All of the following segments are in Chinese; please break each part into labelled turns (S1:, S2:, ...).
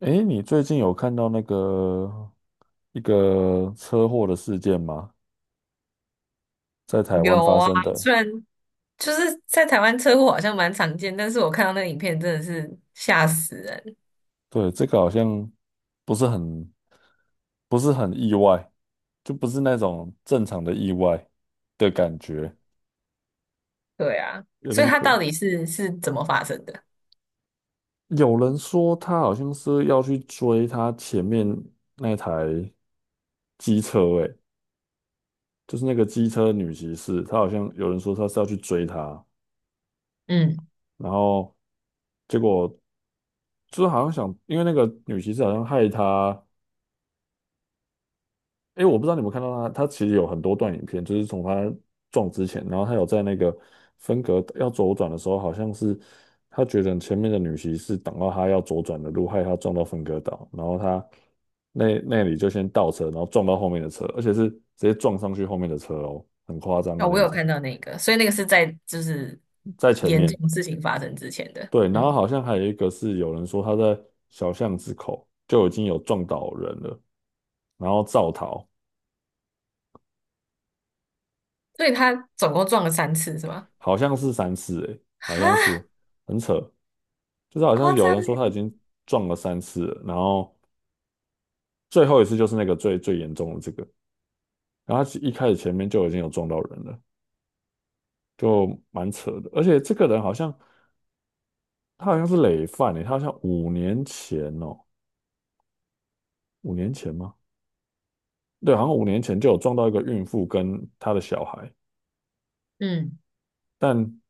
S1: 诶，你最近有看到一个车祸的事件吗？在台湾
S2: 有
S1: 发
S2: 啊，
S1: 生的。
S2: 虽然就是在台湾车祸好像蛮常见，但是我看到那个影片真的是吓死人。
S1: 对，这个好像不是很不是很意外，就不是那种正常的意外的感觉，
S2: 对啊，
S1: 有
S2: 所以
S1: 点
S2: 它
S1: 可。
S2: 到底是怎么发生的？
S1: 有人说他好像是要去追他前面那台机车。诶，就是那个机车女骑士，她好像有人说她是要去追他，
S2: 嗯，
S1: 然后结果。就是好像想，因为那个女骑士好像害他。诶，我不知道你们看到他，他其实有很多段影片，就是从他撞之前，然后他有在那个分隔要左转的时候，好像是他觉得前面的女骑士挡到他要左转的路，害他撞到分隔岛，然后他那里就先倒车，然后撞到后面的车，而且是直接撞上去后面的车哦，很夸张
S2: 啊、
S1: 的
S2: 我
S1: 那
S2: 有
S1: 种，
S2: 看到那个，所以那个是在就是
S1: 在前
S2: 严
S1: 面。
S2: 重事情发生之前的。
S1: 对，然后
S2: 嗯，
S1: 好像还有一个是有人说他在小巷子口就已经有撞倒人了，然后造逃。
S2: 所以他总共撞了3次是吗？
S1: 好像是三次诶，好
S2: 哈，
S1: 像是很扯。就是好像
S2: 夸
S1: 有
S2: 张
S1: 人说他已
S2: 欸
S1: 经撞了三次了，然后最后一次就是那个最严重的这个。然后他一开始前面就已经有撞到人了，就蛮扯的。而且这个人好像他好像是累犯诶，他好像五年前哦，五年前吗？对，好像五年前就有撞到一个孕妇跟她的小孩，
S2: 嗯。
S1: 但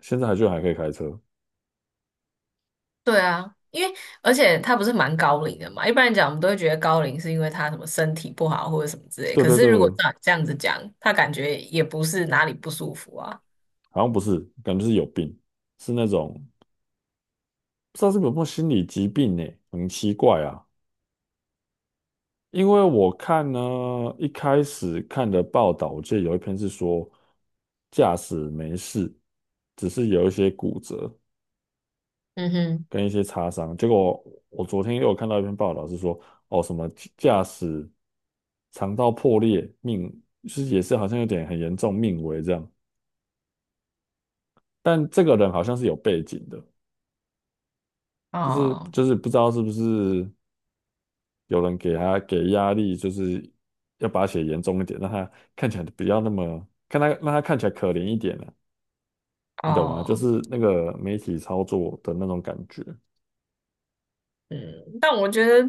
S1: 现在还居然还可以开车。
S2: 对啊，而且他不是蛮高龄的嘛，一般来讲我们都会觉得高龄是因为他什么身体不好或者什么之类，
S1: 对
S2: 可
S1: 对
S2: 是如果
S1: 对，
S2: 照你这样子讲，他感觉也不是哪里不舒服啊。
S1: 好像不是，感觉是有病，是那种。不知道是不是有心理疾病呢、很奇怪啊。因为我看呢，一开始看的报道，我记得有一篇是说驾驶没事，只是有一些骨折
S2: 嗯哼，
S1: 跟一些擦伤。结果我昨天又有看到一篇报道是说，哦，什么驾驶肠道破裂，命就是也是好像有点很严重，命危这样。但这个人好像是有背景的，就是
S2: 哦
S1: 就是不知道是不是。有人给他给压力，就是要把他写严重一点，让他看起来不要那么，看他让他看起来可怜一点啊，你懂吗？就
S2: 哦，
S1: 是那个媒体操作的那种感觉。
S2: 嗯，但我觉得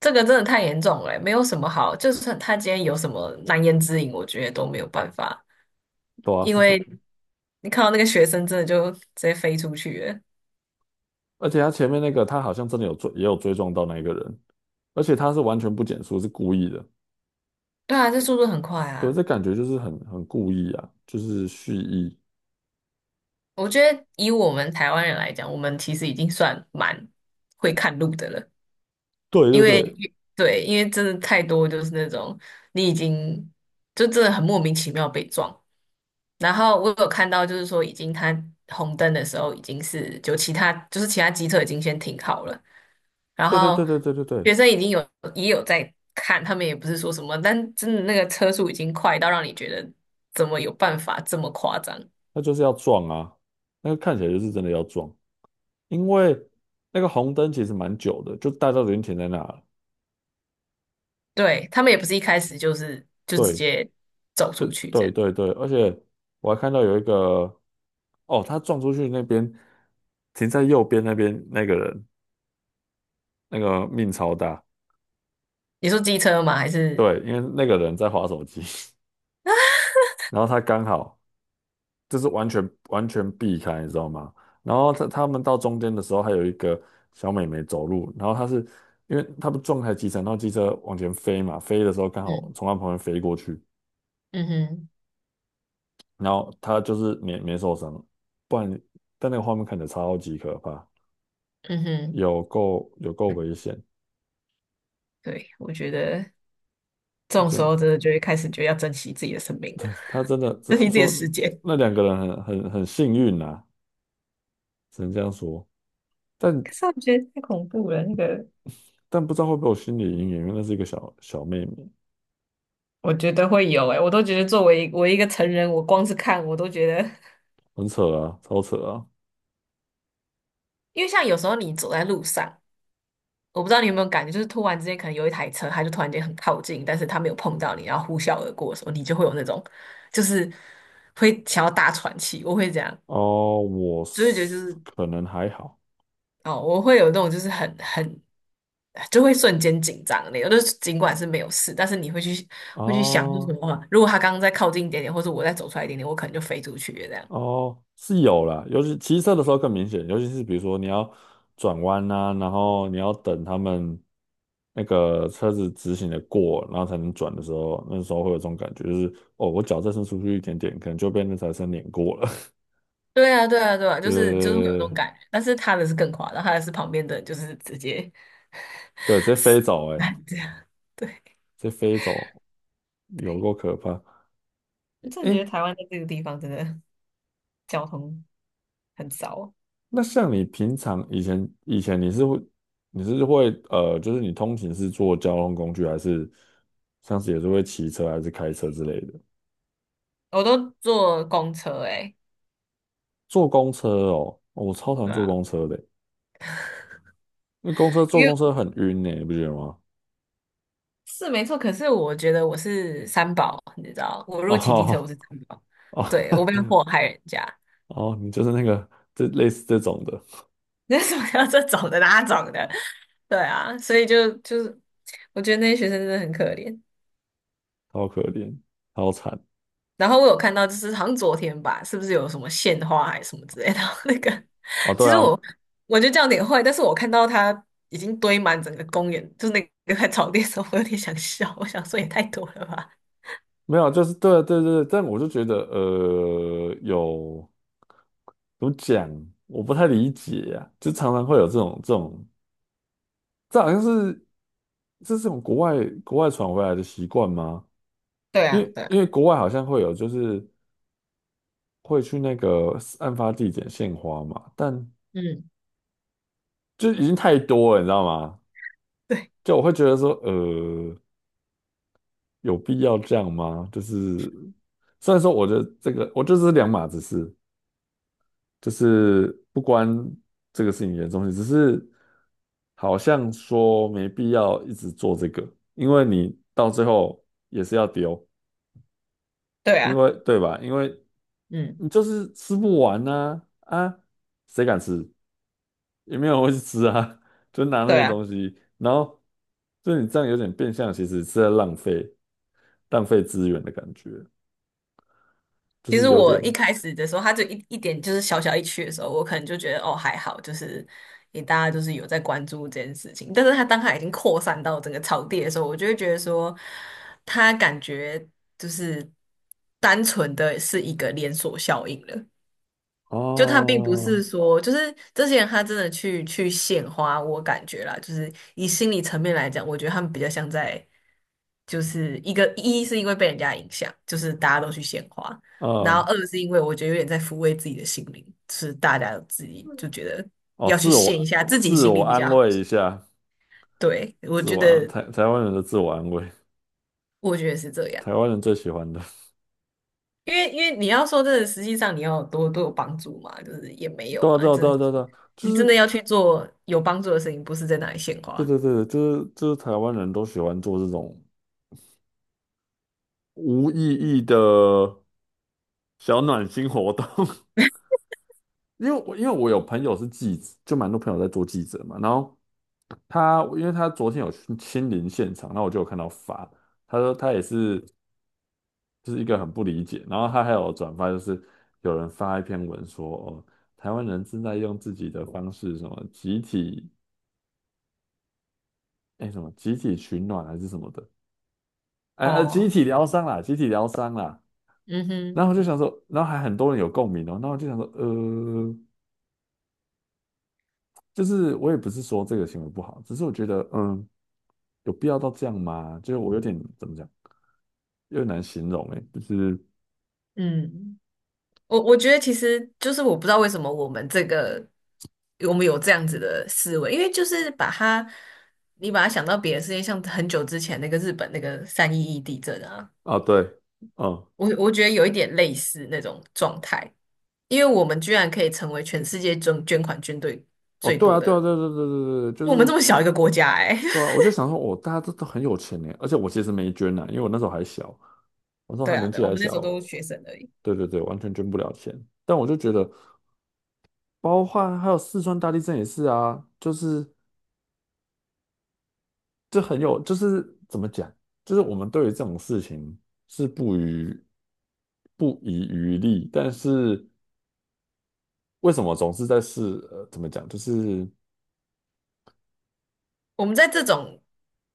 S2: 这个真的太严重了欸，没有什么好，就算他今天有什么难言之隐，我觉得都没有办法，
S1: 对啊，
S2: 因
S1: 是这。
S2: 为你看到那个学生真的就直接飞出去了。
S1: 而且他前面那个他好像真的有追，也有追撞到那一个人，而且他是完全不减速，是故意的。
S2: 对啊，这速度很快
S1: 对，
S2: 啊。
S1: 这感觉就是很故意啊，就是蓄意。
S2: 我觉得以我们台湾人来讲，我们其实已经算蛮会看路的了，
S1: 对
S2: 因
S1: 对
S2: 为
S1: 对
S2: 对，因为真的太多就是那种你已经就真的很莫名其妙被撞。然后我有看到，就是说已经他红灯的时候，已经是就其他机车已经先停好了，然
S1: 对对对
S2: 后
S1: 对对对对，
S2: 学生已经有也有在看，他们也不是说什么，但真的那个车速已经快到让你觉得怎么有办法这么夸张？
S1: 他就是要撞啊，那个看起来就是真的要撞。因为那个红灯其实蛮久的，就大家都已经停在那了。
S2: 对，他们也不是一开始就直
S1: 对，
S2: 接走
S1: 对，
S2: 出去这
S1: 对，
S2: 样。
S1: 对，对，而且我还看到有一个，哦，他撞出去那边，停在右边那边那个人，那个命超大。
S2: 你说机车吗？还是
S1: 对，因为那个人在划手机，然后他刚好就是完全避开，你知道吗？然后他们到中间的时候，还有一个小美眉走路，然后她是因为他不撞开机车，然后机车往前飞嘛，飞的时候刚好
S2: 嗯
S1: 从他旁边飞过去，
S2: 嗯哼
S1: 然后他就是没受伤，不然但那个画面看着超级可怕，
S2: 嗯哼，
S1: 有够危险。
S2: 对，我觉得这
S1: 就
S2: 种时
S1: 真
S2: 候真的就会开始就要珍惜自己的生命了，
S1: 他真的
S2: 珍惜
S1: 真
S2: 自己的
S1: 说
S2: 时间。
S1: 那两个人很幸运呐、只能这样说。但
S2: 可是我觉得太恐怖了，那个
S1: 但不知道会不会有心理阴影，因为那是一个小小妹妹。
S2: 我觉得会有诶、我都觉得作为我一个成人，我光是看我都觉得，
S1: 很扯啊，超扯啊。
S2: 因为像有时候你走在路上，我不知道你有没有感觉，就是突然之间可能有一台车，它就突然间很靠近，但是它没有碰到你，然后呼啸而过的时候，你就会有那种，就是会想要大喘气。我会这样，
S1: 哦，我
S2: 就会觉得就
S1: 是
S2: 是
S1: 可能还好
S2: 哦，我会有那种就是很就会瞬间紧张的那种，就是尽管是没有事，但是你会去
S1: 啊。
S2: 会去想是什
S1: 哦
S2: 么啊，如果他刚刚再靠近一点点，或者我再走出来一点点，我可能就飞出去了这样。
S1: 哦，是有啦，尤其骑车的时候更明显，尤其是比如说你要转弯呐，然后你要等他们那个车子直行的过，然后才能转的时候，那时候会有这种感觉，就是哦，我脚再伸出去一点点，可能就被那台车碾过了。
S2: 对啊，对啊，对啊，
S1: 对
S2: 就
S1: 对对
S2: 是就是会有那
S1: 对
S2: 种
S1: 对，
S2: 感觉，但是他的是更夸张，他的是旁边的就是直接
S1: 对直接飞走、欸，哎，
S2: 这样。对，
S1: 直接飞走，有够可怕。
S2: 我真的觉
S1: 哎、
S2: 得台湾在这个地方真的。交通很糟，
S1: 那像你平常以前你是会就是你通勤是坐交通工具，还是像是也是会骑车还是开车之类的？
S2: 我都坐公车诶、欸
S1: 坐公车哦，哦我超讨厌
S2: 对
S1: 坐
S2: 啊，
S1: 公车的，因为
S2: 因为
S1: 公车很晕呢，你不觉得吗？
S2: 是没错，可是我觉得我是三宝，你知道，我如果骑机车我
S1: 哦
S2: 是三宝，
S1: 哦
S2: 对，我不要 祸害人家，
S1: 哦，你就是那个这类似这种的。
S2: 那什么要这种的那种的，对啊，所以就是我觉得那些学生真的很可怜。
S1: 超可怜，超惨
S2: 然后我有看到，就是好像昨天吧，是不是有什么献花还是什么之类的？那个，
S1: 哦。
S2: 其
S1: 对
S2: 实
S1: 啊，
S2: 我就得这样有点坏，但是我看到它已经堆满整个公园，就是那个在草地的时候，我有点想笑，我想说也太多了吧。
S1: 没有啊，就是对啊对对对，但我就觉得有怎么讲，我不太理解呀、就常常会有这种。这好像是这是从国外传回来的习惯吗？
S2: 对
S1: 因
S2: 啊，
S1: 为
S2: 对
S1: 因
S2: 啊，
S1: 为国外好像会有，就是会去那个案发地点献花嘛，但
S2: 嗯，
S1: 就已经太多了，你知道吗？
S2: 对，
S1: 就我会觉得说，有必要这样吗？就是虽然说我觉得这个，我就是两码子事，就是不关这个事情严重性，只是好像说没必要一直做这个，因为你到最后也是要丢。
S2: 对
S1: 因
S2: 啊，
S1: 为对吧？因为
S2: 嗯。
S1: 你就是吃不完呐啊，啊谁敢吃？也没有人会去吃啊，就拿那
S2: 对
S1: 些
S2: 啊。
S1: 东西，然后就你这样有点变相，其实是在浪费资源的感觉，就
S2: 其
S1: 是
S2: 实
S1: 有
S2: 我
S1: 点
S2: 一开始的时候，他就一点就是小小一区的时候，我可能就觉得哦还好，就是也大家就是有在关注这件事情。但是他当他已经扩散到整个草地的时候，我就会觉得说，他感觉就是单纯的是一个连锁效应了。就他并不是
S1: 哦。
S2: 说，就是这些人他真的去去献花，我感觉啦，就是以心理层面来讲，我觉得他们比较像在，就是一个一是因为被人家影响，就是大家都去献花，然后
S1: 嗯，
S2: 二是因为我觉得有点在抚慰自己的心灵，就是大家自己就觉得
S1: 哦，
S2: 要去献一下自己
S1: 自
S2: 心
S1: 我
S2: 里比
S1: 安
S2: 较好
S1: 慰一下，
S2: 对，我
S1: 自
S2: 觉
S1: 我
S2: 得
S1: 台湾人的自我安慰，
S2: 我觉得是这样。
S1: 台湾人最喜欢的。
S2: 因为你要说真的，实际上你要有多有帮助嘛，就是也没 有
S1: 对啊
S2: 啊，
S1: 对啊
S2: 这
S1: 对啊对啊，对啊就
S2: 你真的
S1: 是
S2: 要去做有帮助的事情，不是在那里献
S1: 对
S2: 花。
S1: 对对，就是台湾人都喜欢做这种无意义的小暖心活动。因为我有朋友是记者，就蛮多朋友在做记者嘛。然后他因为他昨天有去亲临现场，然后我就有看到发，他说他也是就是一个很不理解，然后他还有转发，就是有人发一篇文说哦，台湾人正在用自己的方式什么集体什么集体取暖还是什么的，集
S2: 哦，
S1: 体疗伤啦，集体疗伤啦。
S2: 嗯
S1: 然
S2: 哼，
S1: 后我就想说，然后还很多人有共鸣哦，然后我就想说，就是我也不是说这个行为不好，只是我觉得，嗯，有必要到这样吗？就是我有点怎么讲，有点难形容诶，就是
S2: 嗯，我觉得其实就是我不知道为什么我们有这样子的思维，因为就是把它你把它想到别的事情，像很久之前那个日本那个3·11地震啊，
S1: 啊，对，嗯，
S2: 我觉得有一点类似那种状态，因为我们居然可以成为全世界捐款军队。
S1: 哦，
S2: 最
S1: 对
S2: 多
S1: 啊，对啊，
S2: 的
S1: 对啊对啊对啊对啊对啊，就
S2: 我们这么
S1: 是
S2: 小一个国家、欸，哎，
S1: 对啊，我就想说，哦，大家都都很有钱诶，而且我其实没捐呐，因为我那时候还小，我那时候
S2: 对
S1: 还
S2: 啊，
S1: 年
S2: 对，
S1: 纪
S2: 我
S1: 还
S2: 们那时候
S1: 小。
S2: 都是学生而已。
S1: 对对对，完全捐不了钱。但我就觉得，包括还有四川大地震也是啊，就是。这很有，就是怎么讲，就是我们对于这种事情是不遗余力，但是为什么总是在试？怎么讲，就是
S2: 我们在这种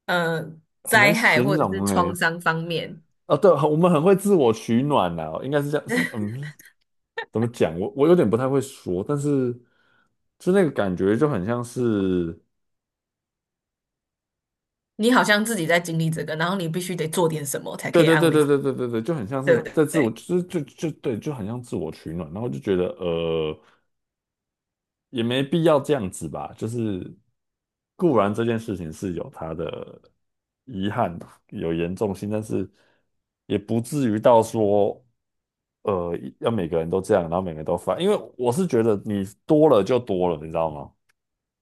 S2: 呃
S1: 很难
S2: 灾害
S1: 形
S2: 或者是
S1: 容哎、
S2: 创
S1: 欸
S2: 伤方面，
S1: 啊，对，我们很会自我取暖呐、应该是这样，是嗯，怎么讲？我有点不太会说，但是就那个感觉就很像是，
S2: 你好像自己在经历这个，然后你必须得做点什么才可
S1: 对
S2: 以
S1: 对
S2: 安
S1: 对
S2: 慰
S1: 对
S2: 自己，
S1: 对对对对，就很像
S2: 对
S1: 是
S2: 不
S1: 在自我，
S2: 对？
S1: 就是就对，就很像自我取暖，然后就觉得呃。也没必要这样子吧。就是固然这件事情是有它的遗憾，有严重性，但是也不至于到说，要每个人都这样，然后每个人都发。因为我是觉得你多了就多了，你知道吗？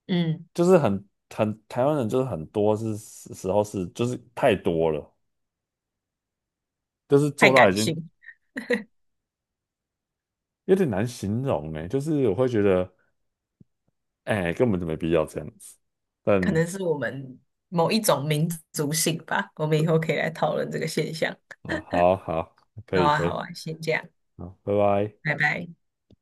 S2: 嗯，
S1: 就是很台湾人就是很多是时候是就是太多了，就是
S2: 太
S1: 做到
S2: 感
S1: 已经
S2: 性，
S1: 有点难形容呢。就是我会觉得，哎、根本就没必要这样子。
S2: 可
S1: 但
S2: 能是我们某一种民族性吧。我们以后可以来讨论这个现象。
S1: 哦，好好，可
S2: 好
S1: 以
S2: 啊，
S1: 可
S2: 好
S1: 以。
S2: 啊，先这样，
S1: 好，拜拜。
S2: 拜拜。